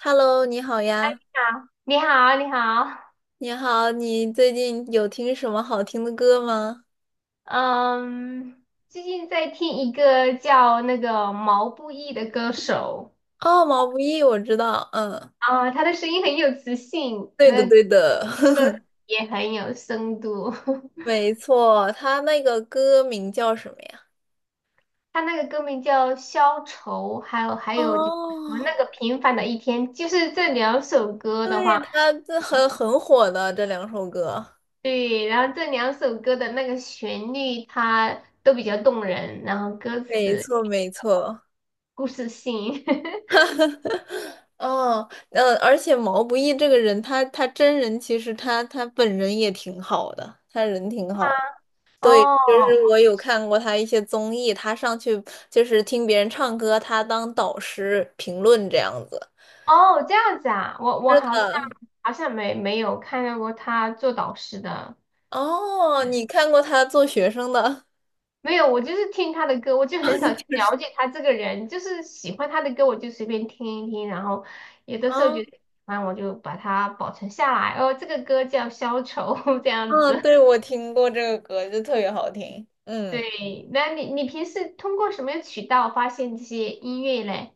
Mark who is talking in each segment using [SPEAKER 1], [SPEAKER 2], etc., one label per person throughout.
[SPEAKER 1] Hello，你好呀，
[SPEAKER 2] 好，你好，你好。
[SPEAKER 1] 你好，你最近有听什么好听的歌吗？
[SPEAKER 2] 嗯，最近在听一个叫那个毛不易的歌手。
[SPEAKER 1] 哦，毛不易，我知道，嗯，
[SPEAKER 2] 啊，他的声音很有磁性，
[SPEAKER 1] 对的，
[SPEAKER 2] 那
[SPEAKER 1] 对的，
[SPEAKER 2] 也很有深度。
[SPEAKER 1] 没错，他那个歌名叫什么呀？
[SPEAKER 2] 他那个歌名叫《消愁》，还有
[SPEAKER 1] 哦，
[SPEAKER 2] 就是什么那个平凡的一天，就是这两首歌的
[SPEAKER 1] 对，
[SPEAKER 2] 话。
[SPEAKER 1] 他这很火的这两首歌，
[SPEAKER 2] 对，然后这两首歌的那个旋律它都比较动人，然后歌
[SPEAKER 1] 没
[SPEAKER 2] 词
[SPEAKER 1] 错，没错，
[SPEAKER 2] 故事性。
[SPEAKER 1] 哦，而且毛不易这个人，他真人其实他本人也挺好的，他人挺好。对，就是
[SPEAKER 2] 哦。
[SPEAKER 1] 我有看过他一些综艺，他上去就是听别人唱歌，他当导师评论这样子。
[SPEAKER 2] 哦，这样子啊，我
[SPEAKER 1] 是
[SPEAKER 2] 好像
[SPEAKER 1] 的，
[SPEAKER 2] 没有看到过他做导师的。
[SPEAKER 1] 哦，你
[SPEAKER 2] 嗯，
[SPEAKER 1] 看过他做学生的？
[SPEAKER 2] 没有，我就是听他的歌，我就很少去
[SPEAKER 1] 就是
[SPEAKER 2] 了解他这个人，就是喜欢他的歌我就随便听一听。然后有的时候
[SPEAKER 1] 哦，
[SPEAKER 2] 觉得喜欢我就把它保存下来。哦，这个歌叫《消愁》。这样
[SPEAKER 1] 嗯，
[SPEAKER 2] 子。
[SPEAKER 1] 对，我听过这个歌，就特别好听。嗯，
[SPEAKER 2] 对，那你平时通过什么渠道发现这些音乐嘞？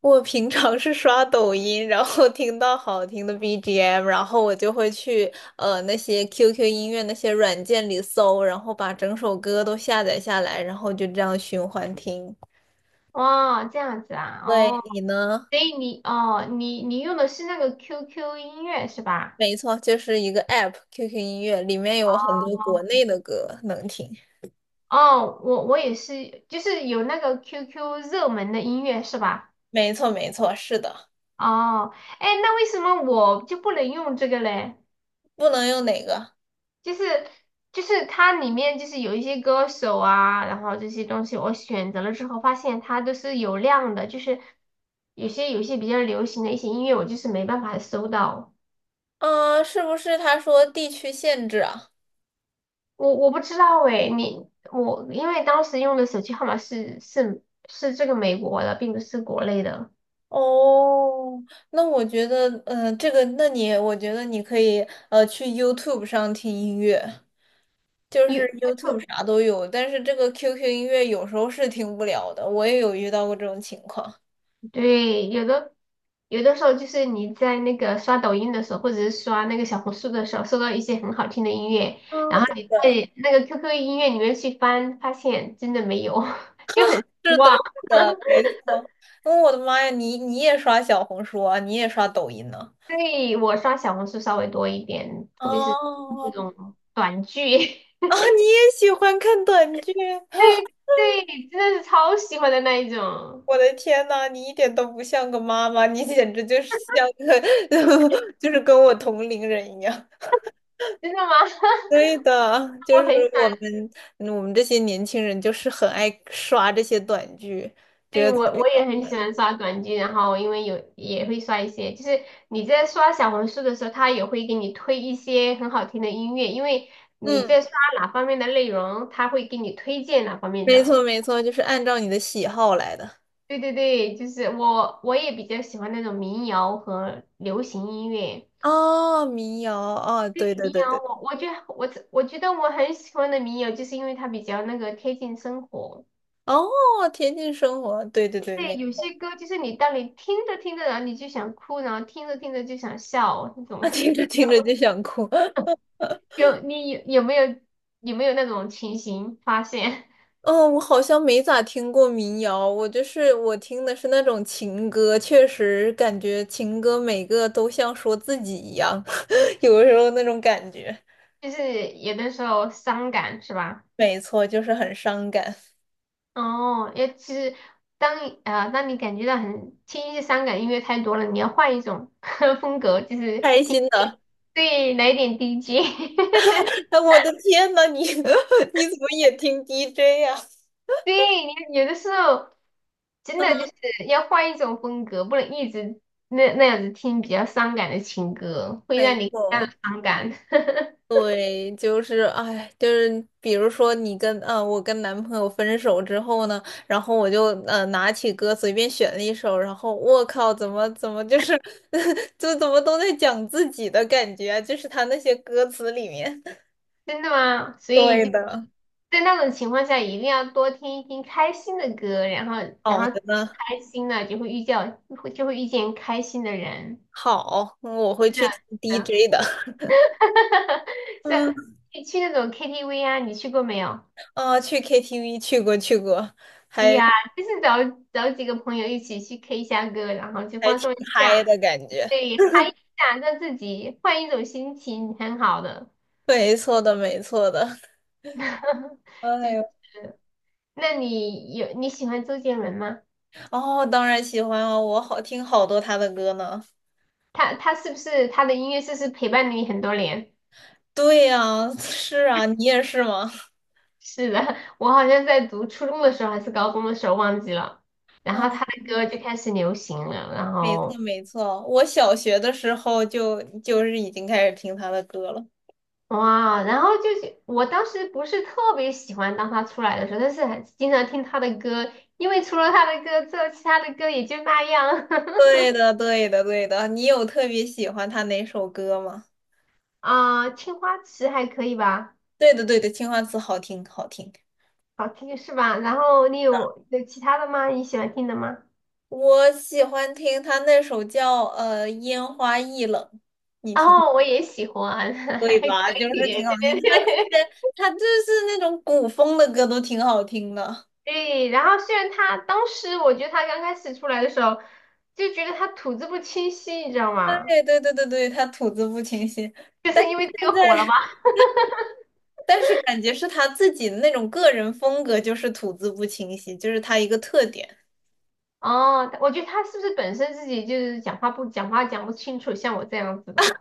[SPEAKER 1] 我平常是刷抖音，然后听到好听的 BGM，然后我就会去那些 QQ 音乐那些软件里搜，然后把整首歌都下载下来，然后就这样循环听。
[SPEAKER 2] 哦，这样子啊。
[SPEAKER 1] 对，
[SPEAKER 2] 哦，
[SPEAKER 1] 你呢？
[SPEAKER 2] 所以你哦你你用的是那个 QQ 音乐是吧？
[SPEAKER 1] 没错，就是一个 app，QQ 音乐里面有很多国内的歌能听。
[SPEAKER 2] 哦，我也是，就是有那个 QQ 热门的音乐是吧？
[SPEAKER 1] 没错，没错，是的，
[SPEAKER 2] 哦。哎，那为什么我就不能用这个嘞？
[SPEAKER 1] 不能用哪个？
[SPEAKER 2] 就是就是它里面就是有一些歌手啊，然后这些东西我选择了之后，发现它都是有量的。就是有些比较流行的一些音乐，我就是没办法搜到。
[SPEAKER 1] 啊？是不是他说地区限制啊？
[SPEAKER 2] 我不知道诶，你我因为当时用的手机号码是这个美国的，并不是国内的。
[SPEAKER 1] 哦，那我觉得，嗯，我觉得你可以，去 YouTube 上听音乐，就
[SPEAKER 2] 有
[SPEAKER 1] 是 YouTube 啥都有，但是这个 QQ 音乐有时候是听不了的，我也有遇到过这种情况。
[SPEAKER 2] 对，有的时候就是你在那个刷抖音的时候，或者是刷那个小红书的时候，收到一些很好听的音乐，
[SPEAKER 1] 啊，
[SPEAKER 2] 然后你
[SPEAKER 1] 对。
[SPEAKER 2] 在那个 QQ 音乐里面去翻，发现真的没有。就很失
[SPEAKER 1] 是的，
[SPEAKER 2] 望。
[SPEAKER 1] 是的，没错。嗯，我的妈呀，你你也刷小红书啊，你也刷抖音呢？
[SPEAKER 2] 所以我刷小红书稍微多一点，特别是那
[SPEAKER 1] 哦，
[SPEAKER 2] 种短剧。
[SPEAKER 1] 啊，你也喜欢看短剧？
[SPEAKER 2] 对对，真的是超喜欢的那一种。
[SPEAKER 1] 我的天呐，你一点都不像个妈妈，你简直就是像个，就是跟我同龄人一样。
[SPEAKER 2] 真的吗？
[SPEAKER 1] 对的，就
[SPEAKER 2] 我很喜
[SPEAKER 1] 是
[SPEAKER 2] 欢。
[SPEAKER 1] 我们这些年轻人就是很爱刷这些短剧，
[SPEAKER 2] 对，
[SPEAKER 1] 觉得
[SPEAKER 2] 我也很喜欢刷短剧，然后因为有也会刷一些，就是你在刷小红书的时候，它也会给你推一些很好听的音乐，因为你
[SPEAKER 1] 嗯，
[SPEAKER 2] 在刷哪方面的内容，它会给你推荐哪方面
[SPEAKER 1] 没
[SPEAKER 2] 的。
[SPEAKER 1] 错没错，就是按照你的喜好来的。
[SPEAKER 2] 对对对，就是我也比较喜欢那种民谣和流行音乐。
[SPEAKER 1] 哦，民谣，哦，
[SPEAKER 2] 对
[SPEAKER 1] 对对
[SPEAKER 2] 民
[SPEAKER 1] 对对。
[SPEAKER 2] 谣，我觉得我很喜欢的民谣，就是因为它比较那个贴近生活。
[SPEAKER 1] 哦，田径生活，对对对，
[SPEAKER 2] 对，
[SPEAKER 1] 没
[SPEAKER 2] 有些歌就是你当你听着听着，然后你就想哭，然后听着听着就想笑，那种
[SPEAKER 1] 啊，听着听着就想哭。
[SPEAKER 2] 有没有有没有那种情形发现？
[SPEAKER 1] 嗯，我好像没咋听过民谣，我就是我听的是那种情歌，确实感觉情歌每个都像说自己一样，有的时候那种感觉，
[SPEAKER 2] 就是有的时候伤感是吧？
[SPEAKER 1] 没错，就是很伤感。
[SPEAKER 2] 哦，也其实当你感觉到很听一些伤感音乐太多了，你要换一种 风格，就是
[SPEAKER 1] 开
[SPEAKER 2] 听
[SPEAKER 1] 心
[SPEAKER 2] 一点
[SPEAKER 1] 的，
[SPEAKER 2] 对来一点 DJ。
[SPEAKER 1] 哎，我的天呐，你 你怎么也听 DJ 呀、
[SPEAKER 2] 对，你有的时候真的就是要换一种风格，不能一直那样子听比较伤感的情歌，会
[SPEAKER 1] 没
[SPEAKER 2] 让你非常的
[SPEAKER 1] 错。
[SPEAKER 2] 伤感。
[SPEAKER 1] 对，就是哎，就是比如说我跟男朋友分手之后呢，然后我就拿起歌随便选了一首，然后我靠，怎么就是 就怎么都在讲自己的感觉啊，就是他那些歌词里面。
[SPEAKER 2] 真的吗？所
[SPEAKER 1] 对
[SPEAKER 2] 以。
[SPEAKER 1] 的，
[SPEAKER 2] 在那种情况下，一定要多听一听开心的歌，然后，然
[SPEAKER 1] 好
[SPEAKER 2] 后
[SPEAKER 1] 的呢，
[SPEAKER 2] 开心了就会遇见，会就会遇见开心的人。
[SPEAKER 1] 好，嗯我会
[SPEAKER 2] 是的，
[SPEAKER 1] 去听
[SPEAKER 2] 是的，
[SPEAKER 1] DJ 的，
[SPEAKER 2] 是啊。
[SPEAKER 1] 嗯
[SPEAKER 2] 你去那种 KTV 啊，你去过没有？
[SPEAKER 1] 啊，去 KTV 去过，
[SPEAKER 2] 对
[SPEAKER 1] 还
[SPEAKER 2] 呀，就是找几个朋友一起去 K 一下歌，然后去
[SPEAKER 1] 还
[SPEAKER 2] 放
[SPEAKER 1] 挺
[SPEAKER 2] 松一
[SPEAKER 1] 嗨
[SPEAKER 2] 下。
[SPEAKER 1] 的感觉，
[SPEAKER 2] 对，嗨一下，让自己换一种心情，很好的。
[SPEAKER 1] 没错的，没错的。哎
[SPEAKER 2] 就
[SPEAKER 1] 呦
[SPEAKER 2] 那你喜欢周杰伦吗？
[SPEAKER 1] 哦，当然喜欢啊，我好听好多他的歌呢。
[SPEAKER 2] 他是不是他的音乐是不是陪伴了你很多年？
[SPEAKER 1] 对呀，是啊，你也是吗？
[SPEAKER 2] 是的。我好像在读初中的时候还是高中的时候忘记了，然
[SPEAKER 1] 哦，
[SPEAKER 2] 后他的歌就开始流行了。然
[SPEAKER 1] 没错
[SPEAKER 2] 后
[SPEAKER 1] 没错，我小学的时候就是已经开始听他的歌了。
[SPEAKER 2] 哇，然后就是我当时不是特别喜欢当他出来的时候，但是还是经常听他的歌，因为除了他的歌之后，其他的歌也就那样。
[SPEAKER 1] 对的对的对的，你有特别喜欢他哪首歌吗？
[SPEAKER 2] 啊，青花瓷还可以吧。
[SPEAKER 1] 对的对的，《青花瓷》好听好听，
[SPEAKER 2] 好听是吧？然后有其他的吗？你喜欢听的吗？
[SPEAKER 1] 我喜欢听他那首叫《烟花易冷》，你听。
[SPEAKER 2] 哦，我也喜欢。还
[SPEAKER 1] 对吧？
[SPEAKER 2] 可
[SPEAKER 1] 就是
[SPEAKER 2] 以，对
[SPEAKER 1] 挺好听，
[SPEAKER 2] 对
[SPEAKER 1] 他的
[SPEAKER 2] 对。
[SPEAKER 1] 他就是那种古风的歌都挺好听的。
[SPEAKER 2] 对，然后虽然他当时我觉得他刚开始出来的时候，就觉得他吐字不清晰，你知道吗？
[SPEAKER 1] 对对对对对，他吐字不清晰，
[SPEAKER 2] 就是因为这
[SPEAKER 1] 现
[SPEAKER 2] 个火了
[SPEAKER 1] 在
[SPEAKER 2] 吗？
[SPEAKER 1] 但是感觉是他自己的那种个人风格，就是吐字不清晰，就是他一个特点。
[SPEAKER 2] 哦，我觉得他是不是本身自己就是讲话讲不清楚，像我这样子的。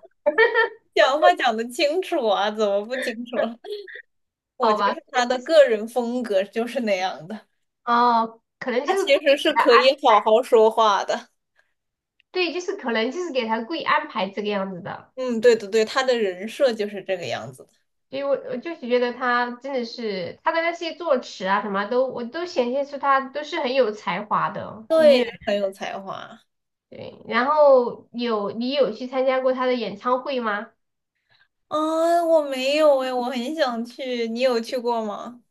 [SPEAKER 1] 讲话讲得清楚啊，怎么不清楚了？我
[SPEAKER 2] 好
[SPEAKER 1] 觉得
[SPEAKER 2] 吧？可
[SPEAKER 1] 是
[SPEAKER 2] 能
[SPEAKER 1] 他的
[SPEAKER 2] 就是
[SPEAKER 1] 个人风格就是那样的，
[SPEAKER 2] 哦，可能
[SPEAKER 1] 他
[SPEAKER 2] 就是
[SPEAKER 1] 其
[SPEAKER 2] 故
[SPEAKER 1] 实
[SPEAKER 2] 意
[SPEAKER 1] 是
[SPEAKER 2] 给他。
[SPEAKER 1] 可以好好说话的。
[SPEAKER 2] 对，就是可能就是给他故意安排这个样子的。
[SPEAKER 1] 嗯，对对对，他的人设就是这个样子的，
[SPEAKER 2] 所以我就是觉得他真的是他的那些作词啊什么都，我都显现出他都是很有才华的。音
[SPEAKER 1] 对，
[SPEAKER 2] 乐。
[SPEAKER 1] 就很有才华
[SPEAKER 2] 对，然后你去参加过他的演唱会吗？
[SPEAKER 1] 啊。我没有诶，我很想去，你有去过吗？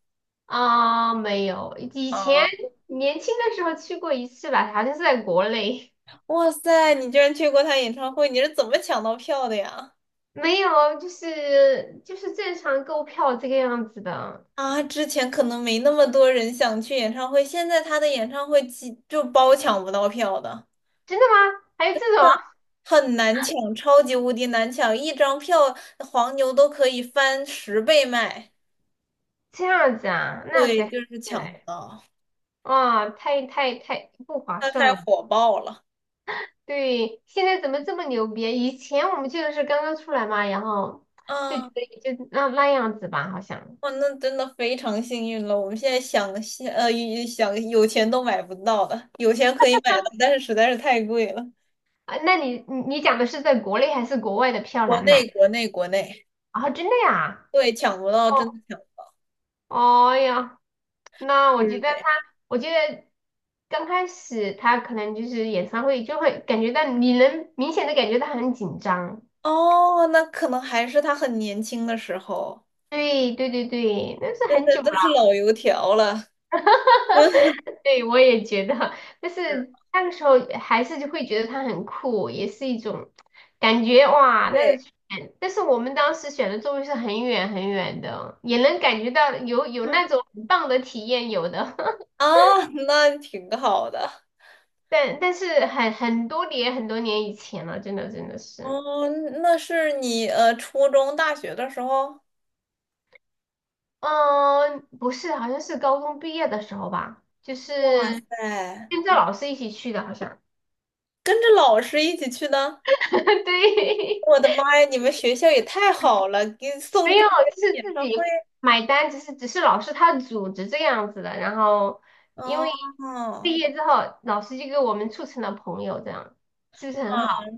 [SPEAKER 2] 啊，没有，以前
[SPEAKER 1] 啊，
[SPEAKER 2] 年轻的时候去过一次吧，好像是在国内。
[SPEAKER 1] 哇塞，你居然去过他演唱会，你是怎么抢到票的呀？
[SPEAKER 2] 没有，就是正常购票这个样子的。
[SPEAKER 1] 啊，之前可能没那么多人想去演唱会，现在他的演唱会几就包抢不到票的，
[SPEAKER 2] 真的吗？还有这种啊。
[SPEAKER 1] 很难抢，超级无敌难抢，一张票黄牛都可以翻十倍卖，
[SPEAKER 2] 这样子啊？那谁
[SPEAKER 1] 对，
[SPEAKER 2] 还
[SPEAKER 1] 就是
[SPEAKER 2] 去
[SPEAKER 1] 抢不
[SPEAKER 2] 嘞？
[SPEAKER 1] 到，
[SPEAKER 2] 啊，太不划
[SPEAKER 1] 他
[SPEAKER 2] 算
[SPEAKER 1] 太
[SPEAKER 2] 了。
[SPEAKER 1] 火爆了，
[SPEAKER 2] 对，现在怎么这么牛逼？以前我们去的是刚刚出来嘛，然后就觉
[SPEAKER 1] 啊，
[SPEAKER 2] 得也就那样子吧，好像。
[SPEAKER 1] 哇，那真的非常幸运了，我们现在想现呃一想有钱都买不到的，有钱可以买到，但是实在是太贵了，
[SPEAKER 2] 啊，那你你讲的是在国内还是国外的票
[SPEAKER 1] 国
[SPEAKER 2] 难买？
[SPEAKER 1] 内国内国内，
[SPEAKER 2] 啊，真的呀？
[SPEAKER 1] 对，抢不到，真的抢不到，
[SPEAKER 2] 哦，哎呀，那
[SPEAKER 1] 就
[SPEAKER 2] 我觉
[SPEAKER 1] 是
[SPEAKER 2] 得
[SPEAKER 1] 的。
[SPEAKER 2] 他，我觉得刚开始他可能就是演唱会就会感觉到你能明显的感觉到他很紧张。
[SPEAKER 1] 哦，那可能还是他很年轻的时候，
[SPEAKER 2] 对对对对，那是
[SPEAKER 1] 现
[SPEAKER 2] 很
[SPEAKER 1] 在
[SPEAKER 2] 久了。
[SPEAKER 1] 都是老油条了。
[SPEAKER 2] 对，我也觉得，但
[SPEAKER 1] 是，
[SPEAKER 2] 是那个时候还是就会觉得它很酷，也是一种感觉哇，那
[SPEAKER 1] 对，
[SPEAKER 2] 个感但是我们当时选的座位是很远很远的，也能感觉到有
[SPEAKER 1] 嗯，
[SPEAKER 2] 那种很棒的体验，有的。
[SPEAKER 1] 啊，那挺好的。
[SPEAKER 2] 但是很多年以前了，真的真的是。
[SPEAKER 1] 哦，那是你初中、大学的时候？
[SPEAKER 2] 嗯，不是，好像是高中毕业的时候吧，就
[SPEAKER 1] 哇
[SPEAKER 2] 是
[SPEAKER 1] 塞，
[SPEAKER 2] 跟着老师一起去的，好像。
[SPEAKER 1] 跟着老师一起去的？
[SPEAKER 2] 对。
[SPEAKER 1] 我的妈呀，你们学校也太好了，给你送
[SPEAKER 2] 没
[SPEAKER 1] 周
[SPEAKER 2] 有，
[SPEAKER 1] 杰伦
[SPEAKER 2] 就是
[SPEAKER 1] 演
[SPEAKER 2] 自
[SPEAKER 1] 唱
[SPEAKER 2] 己
[SPEAKER 1] 会。
[SPEAKER 2] 买单，只是老师他组织这样子的。然后因
[SPEAKER 1] 哦，
[SPEAKER 2] 为毕业之后，老师就给我们促成了朋友，这样是不是很好？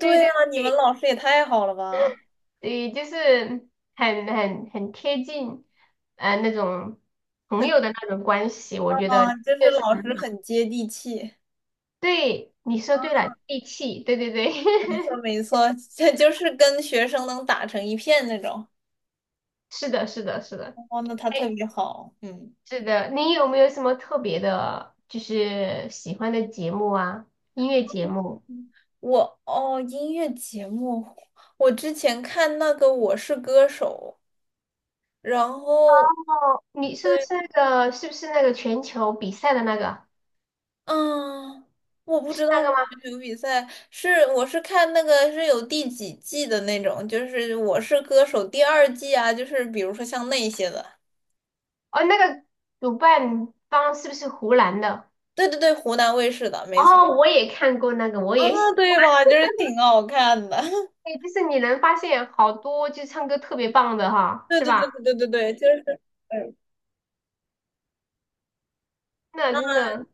[SPEAKER 2] 对
[SPEAKER 1] 对啊，
[SPEAKER 2] 对
[SPEAKER 1] 你们
[SPEAKER 2] 对，
[SPEAKER 1] 老师也太好了吧？
[SPEAKER 2] 对，就是很很贴近，呃，那种朋友的那种关系，我觉得
[SPEAKER 1] 啊，就是
[SPEAKER 2] 确实
[SPEAKER 1] 老
[SPEAKER 2] 很
[SPEAKER 1] 师很接地气。
[SPEAKER 2] 对。你说对了，义气，对对对。
[SPEAKER 1] 没错，没错，这就是跟学生能打成一片那种。
[SPEAKER 2] 是的，是的，是的。
[SPEAKER 1] 哦，那他特
[SPEAKER 2] 哎，
[SPEAKER 1] 别好，嗯。
[SPEAKER 2] 是的，你有没有什么特别的，就是喜欢的节目啊？音乐节目？
[SPEAKER 1] 我哦，音乐节目，我之前看那个《我是歌手》，然后
[SPEAKER 2] 哦，你说的
[SPEAKER 1] 对，
[SPEAKER 2] 是那个，是不是那个全球比赛的那个？
[SPEAKER 1] 嗯，我不
[SPEAKER 2] 是
[SPEAKER 1] 知道
[SPEAKER 2] 那
[SPEAKER 1] 是
[SPEAKER 2] 个吗？
[SPEAKER 1] 选手比赛，是我是看那个是有第几季的那种，就是《我是歌手》第2季啊，就是比如说像那些的，
[SPEAKER 2] 哦，那个主办方是不是湖南的？
[SPEAKER 1] 对对对，湖南卫视的，没错
[SPEAKER 2] 哦，我也看过那个，我
[SPEAKER 1] 啊，
[SPEAKER 2] 也喜。
[SPEAKER 1] 对吧？就是挺好看的。
[SPEAKER 2] 哎，就是你能发现好多就唱歌特别棒的哈，
[SPEAKER 1] 对
[SPEAKER 2] 是
[SPEAKER 1] 对对
[SPEAKER 2] 吧？
[SPEAKER 1] 对对对对，就是，嗯，
[SPEAKER 2] 那真的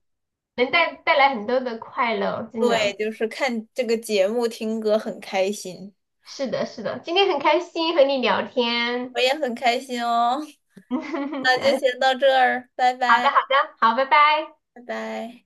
[SPEAKER 2] 能带来很多的快乐，真
[SPEAKER 1] 对，
[SPEAKER 2] 的
[SPEAKER 1] 就是看这个节目听歌很开心，
[SPEAKER 2] 是的，是的。今天很开心和你聊天。
[SPEAKER 1] 我也很开心哦。那就
[SPEAKER 2] 嗯，
[SPEAKER 1] 先到这儿，拜
[SPEAKER 2] 好的，
[SPEAKER 1] 拜，
[SPEAKER 2] 好的，好，拜拜。
[SPEAKER 1] 拜拜。